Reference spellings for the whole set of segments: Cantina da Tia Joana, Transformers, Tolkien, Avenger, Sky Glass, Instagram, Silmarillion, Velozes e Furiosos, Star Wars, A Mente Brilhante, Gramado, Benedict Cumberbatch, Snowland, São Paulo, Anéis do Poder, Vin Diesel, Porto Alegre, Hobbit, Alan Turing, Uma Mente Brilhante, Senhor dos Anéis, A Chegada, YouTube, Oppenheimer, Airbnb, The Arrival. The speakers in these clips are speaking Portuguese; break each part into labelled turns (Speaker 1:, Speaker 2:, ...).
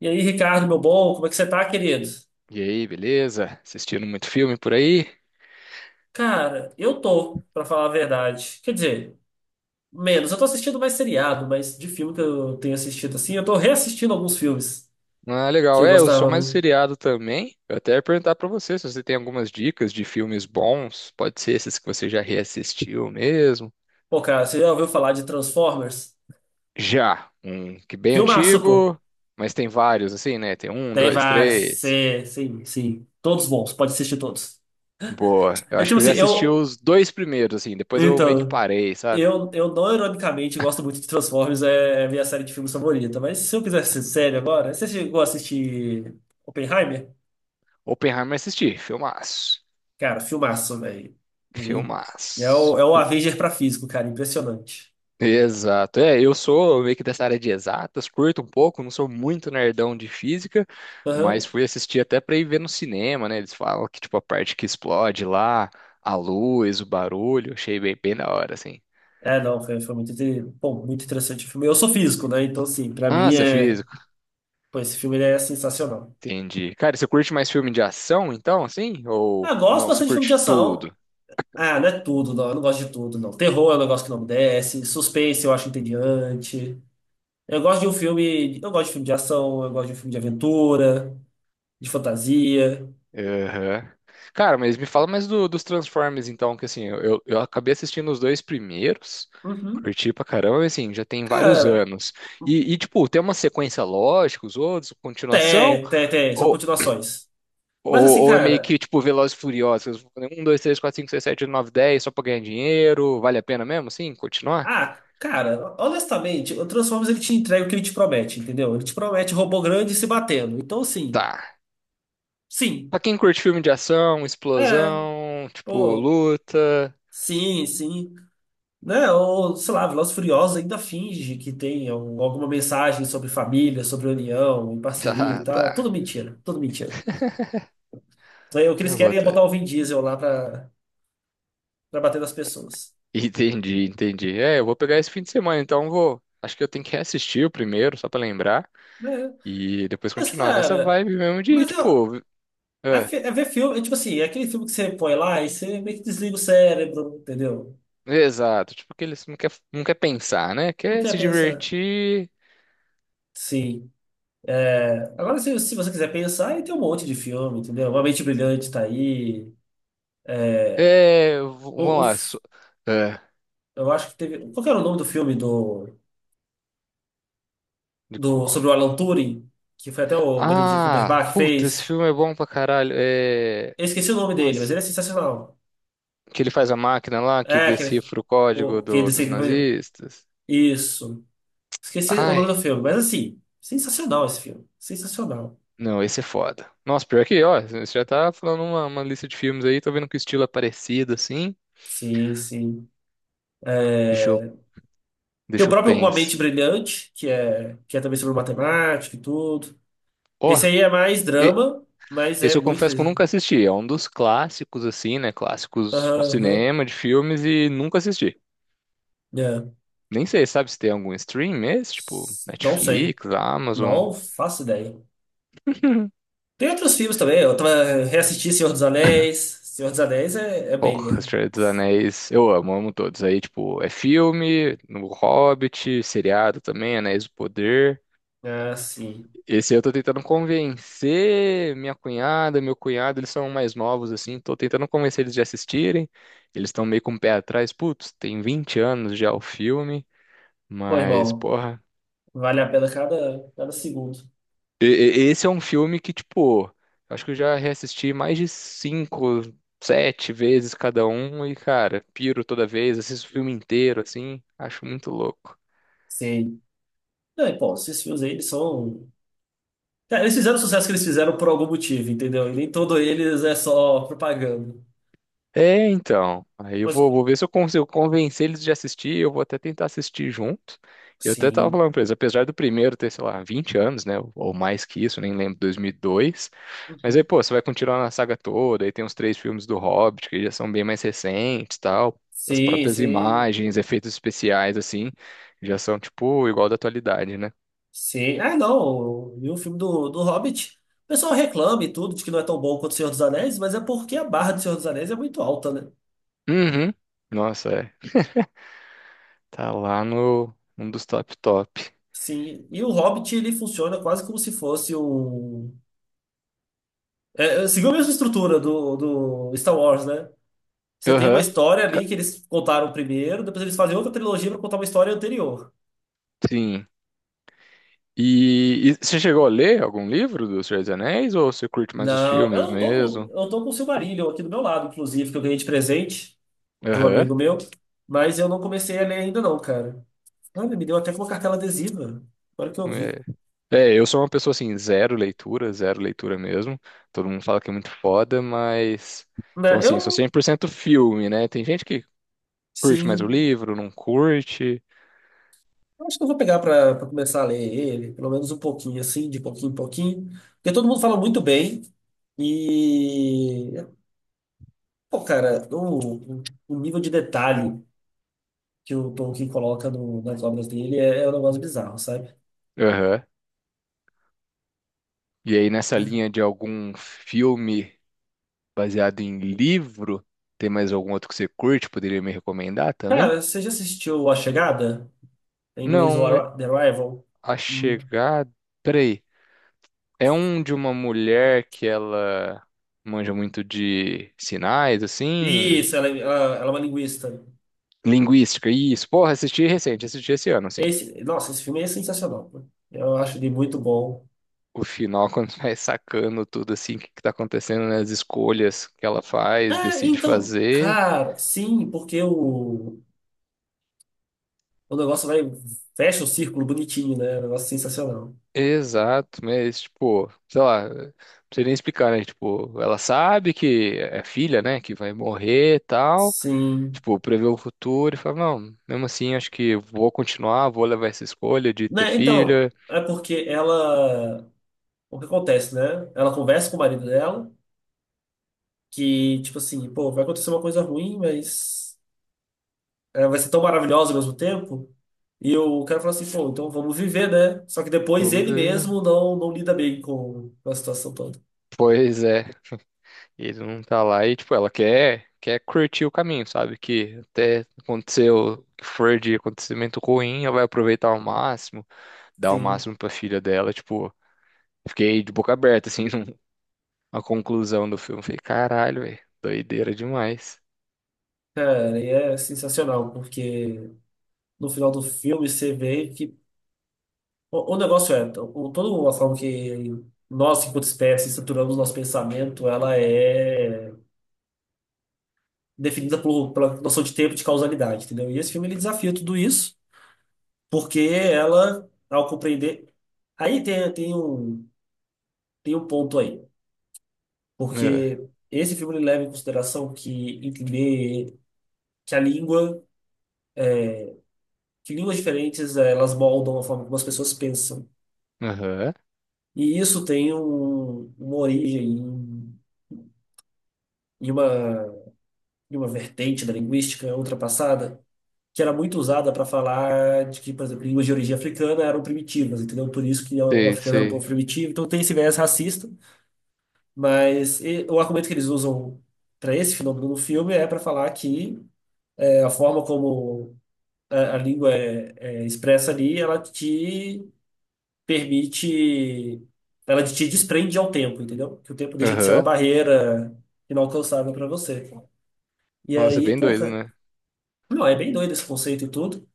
Speaker 1: E aí, Ricardo, meu bom, como é que você tá, querido?
Speaker 2: E aí, beleza? Assistindo muito filme por aí?
Speaker 1: Cara, eu tô, pra falar a verdade. Quer dizer, menos. Eu tô assistindo mais seriado, mas de filme que eu tenho assistido assim, eu tô reassistindo alguns filmes
Speaker 2: Ah,
Speaker 1: que
Speaker 2: legal.
Speaker 1: eu
Speaker 2: É, eu sou
Speaker 1: gostava
Speaker 2: mais
Speaker 1: muito.
Speaker 2: seriado também. Eu até ia perguntar pra você se você tem algumas dicas de filmes bons. Pode ser esses que você já reassistiu mesmo.
Speaker 1: Pô, cara, você já ouviu falar de Transformers?
Speaker 2: Já, um que bem
Speaker 1: Filmaço, pô.
Speaker 2: antigo, mas tem vários assim, né? Tem um,
Speaker 1: Tem
Speaker 2: dois,
Speaker 1: vários.
Speaker 2: três.
Speaker 1: Sim, sim. Todos bons, pode assistir todos.
Speaker 2: Boa. Eu
Speaker 1: É
Speaker 2: acho
Speaker 1: tipo
Speaker 2: que eu
Speaker 1: assim,
Speaker 2: já assisti
Speaker 1: eu.
Speaker 2: os dois primeiros, assim. Depois eu meio que
Speaker 1: Então,
Speaker 2: parei, sabe?
Speaker 1: eu não ironicamente gosto muito de Transformers, é a minha série de filmes favorita, mas se eu quiser ser sério agora, você chegou a assistir. Oppenheimer?
Speaker 2: Oppenheimer assisti. Filmaço.
Speaker 1: Cara, filmaço, velho. E é o,
Speaker 2: Filmaço.
Speaker 1: é o Avenger pra físico, cara. Impressionante.
Speaker 2: Exato. É, eu sou meio que dessa área de exatas, curto um pouco, não sou muito nerdão de física, mas
Speaker 1: Aham.
Speaker 2: fui assistir até para ir ver no cinema, né? Eles falam que, tipo, a parte que explode lá, a luz, o barulho, achei bem, bem da hora, assim.
Speaker 1: É, não, foi muito, bom, muito interessante o filme. Eu sou físico, né? Então, assim, pra
Speaker 2: Ah,
Speaker 1: mim
Speaker 2: você é
Speaker 1: é.
Speaker 2: físico,
Speaker 1: Pô, esse filme ele é sensacional.
Speaker 2: entendi. Cara, você curte mais filme de ação, então, assim? Ou
Speaker 1: Ah, gosto
Speaker 2: não, você
Speaker 1: bastante de filme de
Speaker 2: curte
Speaker 1: ação.
Speaker 2: tudo?
Speaker 1: Ah, não é tudo, não. Eu não gosto de tudo, não. Terror é um negócio que não me desce. Suspense eu acho entediante. Eu gosto de um filme. Eu gosto de filme de ação, eu gosto de um filme de aventura, de fantasia.
Speaker 2: Aham. Cara, mas me fala mais dos Transformers, então, que assim, eu acabei assistindo os dois primeiros,
Speaker 1: Uhum.
Speaker 2: curti pra caramba, mas, assim, já tem vários
Speaker 1: Cara,
Speaker 2: anos. E, tipo, tem uma sequência lógica, os outros, continuação,
Speaker 1: tem, tem, tem. São
Speaker 2: ou,
Speaker 1: continuações. Mas assim,
Speaker 2: é meio
Speaker 1: cara.
Speaker 2: que, tipo, Velozes e Furiosos, um, dois, três, quatro, cinco, seis, sete, nove, dez, só pra ganhar dinheiro, vale a pena mesmo, assim, continuar?
Speaker 1: Ah, cara, honestamente, o Transformers ele te entrega o que ele te promete, entendeu? Ele te promete robô grande se batendo. Então, assim,
Speaker 2: Tá.
Speaker 1: sim,
Speaker 2: Pra quem curte filme de ação,
Speaker 1: é,
Speaker 2: explosão, tipo,
Speaker 1: pô,
Speaker 2: luta,
Speaker 1: sim, sim. Né? Ou, sei lá, Velozes e Furiosos ainda finge que tem alguma mensagem sobre família, sobre união, e parceria e
Speaker 2: tá,
Speaker 1: tal.
Speaker 2: tá,
Speaker 1: Tudo mentira, tudo mentira. Então, o que eles
Speaker 2: eu vou.
Speaker 1: querem é botar o Vin Diesel lá pra, pra bater nas pessoas.
Speaker 2: Entendi, entendi. É, eu vou pegar esse fim de semana, então eu vou. Acho que eu tenho que reassistir o primeiro, só pra lembrar,
Speaker 1: Né?
Speaker 2: e depois
Speaker 1: Mas,
Speaker 2: continuar nessa
Speaker 1: cara,
Speaker 2: vibe mesmo de,
Speaker 1: mas eu.
Speaker 2: tipo,
Speaker 1: É,
Speaker 2: é,
Speaker 1: é ver filme, é tipo assim, é aquele filme que você põe lá e você meio que desliga o cérebro, entendeu?
Speaker 2: exato, tipo, que eles não quer, não quer pensar, né?
Speaker 1: Não
Speaker 2: Quer
Speaker 1: quer
Speaker 2: se
Speaker 1: pensar.
Speaker 2: divertir.
Speaker 1: Sim. Agora, se você quiser pensar, aí tem um monte de filme, entendeu? Uma Mente Brilhante tá aí.
Speaker 2: É, vamos
Speaker 1: O, o
Speaker 2: lá.
Speaker 1: f-
Speaker 2: É,
Speaker 1: eu acho que teve. Qual que era o nome do filme
Speaker 2: de qual?
Speaker 1: sobre o Alan Turing? Que foi até o Benedict
Speaker 2: Ah,
Speaker 1: Cumberbatch que
Speaker 2: puta, esse
Speaker 1: fez.
Speaker 2: filme é bom pra caralho. É,
Speaker 1: Eu esqueci o nome dele, mas
Speaker 2: nossa,
Speaker 1: ele é sensacional.
Speaker 2: que ele faz a máquina lá que
Speaker 1: É, aquele.
Speaker 2: decifra o código
Speaker 1: O, que
Speaker 2: do-
Speaker 1: ele, se-
Speaker 2: dos nazistas.
Speaker 1: isso. Esqueci o nome do
Speaker 2: Ai.
Speaker 1: filme, mas assim, sensacional esse filme. Sensacional.
Speaker 2: Não, esse é foda. Nossa, pior que, ó, você já tá falando uma lista de filmes aí, tô vendo que o estilo é parecido, assim.
Speaker 1: Sim, sim.
Speaker 2: Deixa eu,
Speaker 1: É, tem o
Speaker 2: deixa eu
Speaker 1: próprio Uma
Speaker 2: pensar.
Speaker 1: Mente Brilhante, que é também sobre matemática e tudo.
Speaker 2: Ó,
Speaker 1: Esse aí é mais
Speaker 2: e-
Speaker 1: drama, mas é
Speaker 2: esse eu
Speaker 1: muito.
Speaker 2: confesso que eu nunca assisti. É um dos clássicos, assim, né? Clássicos do
Speaker 1: Aham, aham.
Speaker 2: cinema, de filmes, e nunca assisti.
Speaker 1: É.
Speaker 2: Nem sei, sabe se tem algum stream esse? Tipo,
Speaker 1: Não sei.
Speaker 2: Netflix, Amazon.
Speaker 1: Não faço ideia. Tem outros filmes também. Eu tava reassisti Senhor dos Anéis. Senhor dos Anéis é, é
Speaker 2: Porra,
Speaker 1: banger.
Speaker 2: Senhor dos Anéis. Eu amo, amo todos. Aí, tipo, é filme, no Hobbit, seriado também, Anéis do Poder.
Speaker 1: Ah, sim.
Speaker 2: Esse eu tô tentando convencer minha cunhada, meu cunhado, eles são mais novos assim, tô tentando convencer eles de assistirem. Eles estão meio com o pé atrás. Putz, tem 20 anos já o filme,
Speaker 1: Pô,
Speaker 2: mas
Speaker 1: irmão,
Speaker 2: porra,
Speaker 1: vale a pena cada segundo.
Speaker 2: esse é um filme que tipo, acho que eu já reassisti mais de cinco, sete vezes cada um e cara, piro toda vez, assisto o filme inteiro assim, acho muito louco.
Speaker 1: Sim. Não, e, pô, esses filmes aí, eles são. Cara, eles fizeram o sucesso que eles fizeram por algum motivo, entendeu? E nem todo eles é só propaganda.
Speaker 2: É, então. Aí eu
Speaker 1: Mas,
Speaker 2: vou ver se eu consigo convencer eles de assistir. Eu vou até tentar assistir junto. Eu até tava
Speaker 1: sim.
Speaker 2: falando pra eles, apesar do primeiro ter, sei lá, 20 anos, né? Ou mais que isso, nem lembro, 2002. Mas aí,
Speaker 1: Uhum.
Speaker 2: pô, você vai continuar na saga toda. Aí tem os três filmes do Hobbit, que já são bem mais recentes, tal. As
Speaker 1: Sim,
Speaker 2: próprias
Speaker 1: sim.
Speaker 2: imagens, efeitos especiais, assim, já são, tipo, igual da atualidade, né?
Speaker 1: Sim. Ah, não. E o filme do, do Hobbit. O pessoal reclama e tudo, de que não é tão bom quanto o Senhor dos Anéis, mas é porque a barra do Senhor dos Anéis é muito alta, né?
Speaker 2: Uhum. Nossa, é. Tá lá no um dos top top.
Speaker 1: Sim. E o Hobbit, ele funciona quase como se fosse um. É, é, seguiu a mesma estrutura do, do Star Wars, né? Você tem uma
Speaker 2: Aham.
Speaker 1: história ali que eles contaram primeiro, depois eles fazem outra trilogia pra contar uma história anterior.
Speaker 2: Sim. E, você chegou a ler algum livro dos Senhor dos Anéis ou você curte mais os
Speaker 1: Não, eu
Speaker 2: filmes
Speaker 1: não tô com,
Speaker 2: mesmo?
Speaker 1: eu tô com o Silmarillion aqui do meu lado, inclusive, que eu ganhei de presente de um
Speaker 2: Aham.
Speaker 1: amigo meu, mas eu não comecei a ler ainda não, cara. Olha, me deu até com uma cartela adesiva. Agora que eu vi.
Speaker 2: É. É, eu sou uma pessoa assim, zero leitura mesmo. Todo mundo fala que é muito foda, mas. Então,
Speaker 1: Né,
Speaker 2: assim, sou
Speaker 1: eu,
Speaker 2: 100% filme, né? Tem gente que curte mais o
Speaker 1: sim.
Speaker 2: livro, não curte.
Speaker 1: Eu acho que eu vou pegar para começar a ler ele, pelo menos um pouquinho, assim, de pouquinho em pouquinho. Porque todo mundo fala muito bem. E, pô, cara, o nível de detalhe que o Tolkien coloca nas obras dele é, é um negócio bizarro, sabe?
Speaker 2: Aham. E aí, nessa
Speaker 1: É.
Speaker 2: linha de algum filme baseado em livro, tem mais algum outro que você curte? Poderia me recomendar também?
Speaker 1: Cara, você já assistiu A Chegada? Em inglês, o
Speaker 2: Não,
Speaker 1: The Arrival?
Speaker 2: A
Speaker 1: Hum.
Speaker 2: Chegada. Peraí. É um de uma mulher que ela manja muito de sinais, assim.
Speaker 1: Isso, ela é uma linguista.
Speaker 2: Linguística, isso. Porra, assisti recente, assisti esse ano, assim.
Speaker 1: Esse, nossa, esse filme é sensacional, pô. Eu acho ele muito bom.
Speaker 2: O final, quando vai sacando tudo, assim, o que que tá acontecendo, né? As escolhas que ela faz,
Speaker 1: Ah,
Speaker 2: decide
Speaker 1: então,
Speaker 2: fazer.
Speaker 1: cara, sim, porque o negócio vai, fecha o círculo bonitinho, né? É um negócio sensacional.
Speaker 2: Exato, mas, tipo, sei lá, não sei nem explicar, né? Tipo, ela sabe que é filha, né? Que vai morrer e tal.
Speaker 1: Sim.
Speaker 2: Tipo, prevê o futuro e fala, não, mesmo assim, acho que vou continuar, vou levar essa escolha de ter
Speaker 1: Né, então,
Speaker 2: filha.
Speaker 1: é porque ela. O que acontece, né? Ela conversa com o marido dela, que, tipo assim, pô, vai acontecer uma coisa ruim, mas é, vai ser tão maravilhosa ao mesmo tempo. E o cara fala assim, pô, então vamos viver, né? Só que depois
Speaker 2: Vamos
Speaker 1: ele
Speaker 2: ver.
Speaker 1: mesmo não lida bem com a situação toda.
Speaker 2: Pois é, ele não tá lá e, tipo, ela quer curtir o caminho, sabe? Que até aconteceu, o que for de acontecimento ruim, ela vai aproveitar ao máximo, dar o
Speaker 1: Sim.
Speaker 2: máximo pra filha dela, tipo, fiquei de boca aberta, assim, a conclusão do filme. Falei, caralho, velho, doideira demais.
Speaker 1: Cara, e é sensacional, porque no final do filme você vê que. O negócio é, então, o, toda a forma que nós, enquanto espécie, estruturamos nosso pensamento, ela é definida por, pela noção de tempo e de causalidade, entendeu? E esse filme ele desafia tudo isso, porque ela, ao compreender. Aí tem, tem um ponto aí,
Speaker 2: É,
Speaker 1: porque esse filme ele leva em consideração que entender que a língua, que línguas diferentes, elas moldam a forma como as pessoas pensam.
Speaker 2: aham,
Speaker 1: E isso tem uma origem em, em uma, em uma vertente da linguística ultrapassada, que era muito usada para falar de que, por exemplo, línguas de origem africana eram primitivas, entendeu? Por isso que o
Speaker 2: sei,
Speaker 1: africano era um povo
Speaker 2: sei.
Speaker 1: primitivo. Então tem esse viés racista, mas o argumento que eles usam para esse fenômeno no filme é para falar que é, a forma como a língua é, é expressa ali, ela te permite, ela te desprende ao tempo, entendeu? Que o tempo deixa de ser uma
Speaker 2: Aham,
Speaker 1: barreira inalcançável para você. E
Speaker 2: nossa,
Speaker 1: aí,
Speaker 2: bem
Speaker 1: pô,
Speaker 2: doido,
Speaker 1: cara,
Speaker 2: né?
Speaker 1: não, é bem doido esse conceito e tudo.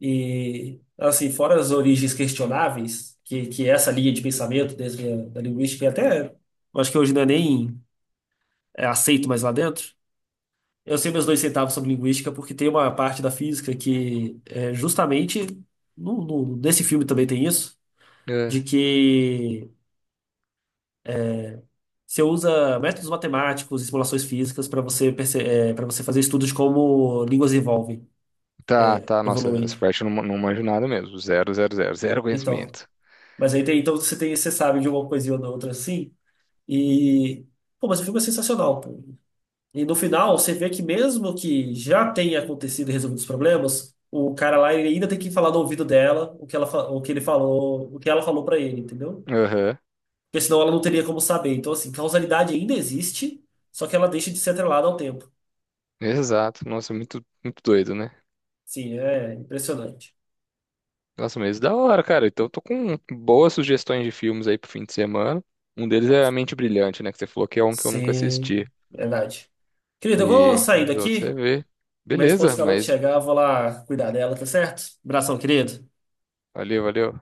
Speaker 1: E, assim, fora as origens questionáveis, que é essa linha de pensamento desde a, da linguística, e até, eu acho que hoje não é nem é aceito mais lá dentro. Eu sei meus dois centavos sobre linguística porque tem uma parte da física que é justamente, nesse filme também tem isso,
Speaker 2: É,
Speaker 1: de que você usa métodos matemáticos e simulações físicas para você fazer estudos de como línguas evolvem,
Speaker 2: tá, tá, nossa,
Speaker 1: evoluem.
Speaker 2: essa parte eu não, não manjo nada mesmo, zero, zero, zero, zero
Speaker 1: Então,
Speaker 2: conhecimento.
Speaker 1: mas aí tem, então você tem, você sabe de uma coisinha ou da outra assim, e pô, mas o filme é sensacional, pô. E no final você vê que mesmo que já tenha acontecido e resolvido os problemas, o cara lá ele ainda tem que falar no ouvido dela o que ela, o que ele falou, o que ela falou para ele, entendeu?
Speaker 2: Aham.
Speaker 1: Porque senão ela não teria como saber. Então, assim, causalidade ainda existe, só que ela deixa de ser atrelada ao tempo.
Speaker 2: Exato. Nossa, muito, muito doido, né?
Speaker 1: Sim, é impressionante.
Speaker 2: Nossa, mas da hora, cara. Então eu tô com boas sugestões de filmes aí pro fim de semana. Um deles é A Mente Brilhante, né? Que você falou que é um que eu nunca
Speaker 1: Sim,
Speaker 2: assisti.
Speaker 1: verdade. Querido, eu vou
Speaker 2: E
Speaker 1: sair
Speaker 2: os outros você
Speaker 1: daqui.
Speaker 2: vê.
Speaker 1: Minha esposa
Speaker 2: Beleza,
Speaker 1: acabou de
Speaker 2: mas
Speaker 1: chegar, eu vou lá cuidar dela, tá certo? Abração, querido.
Speaker 2: valeu, valeu.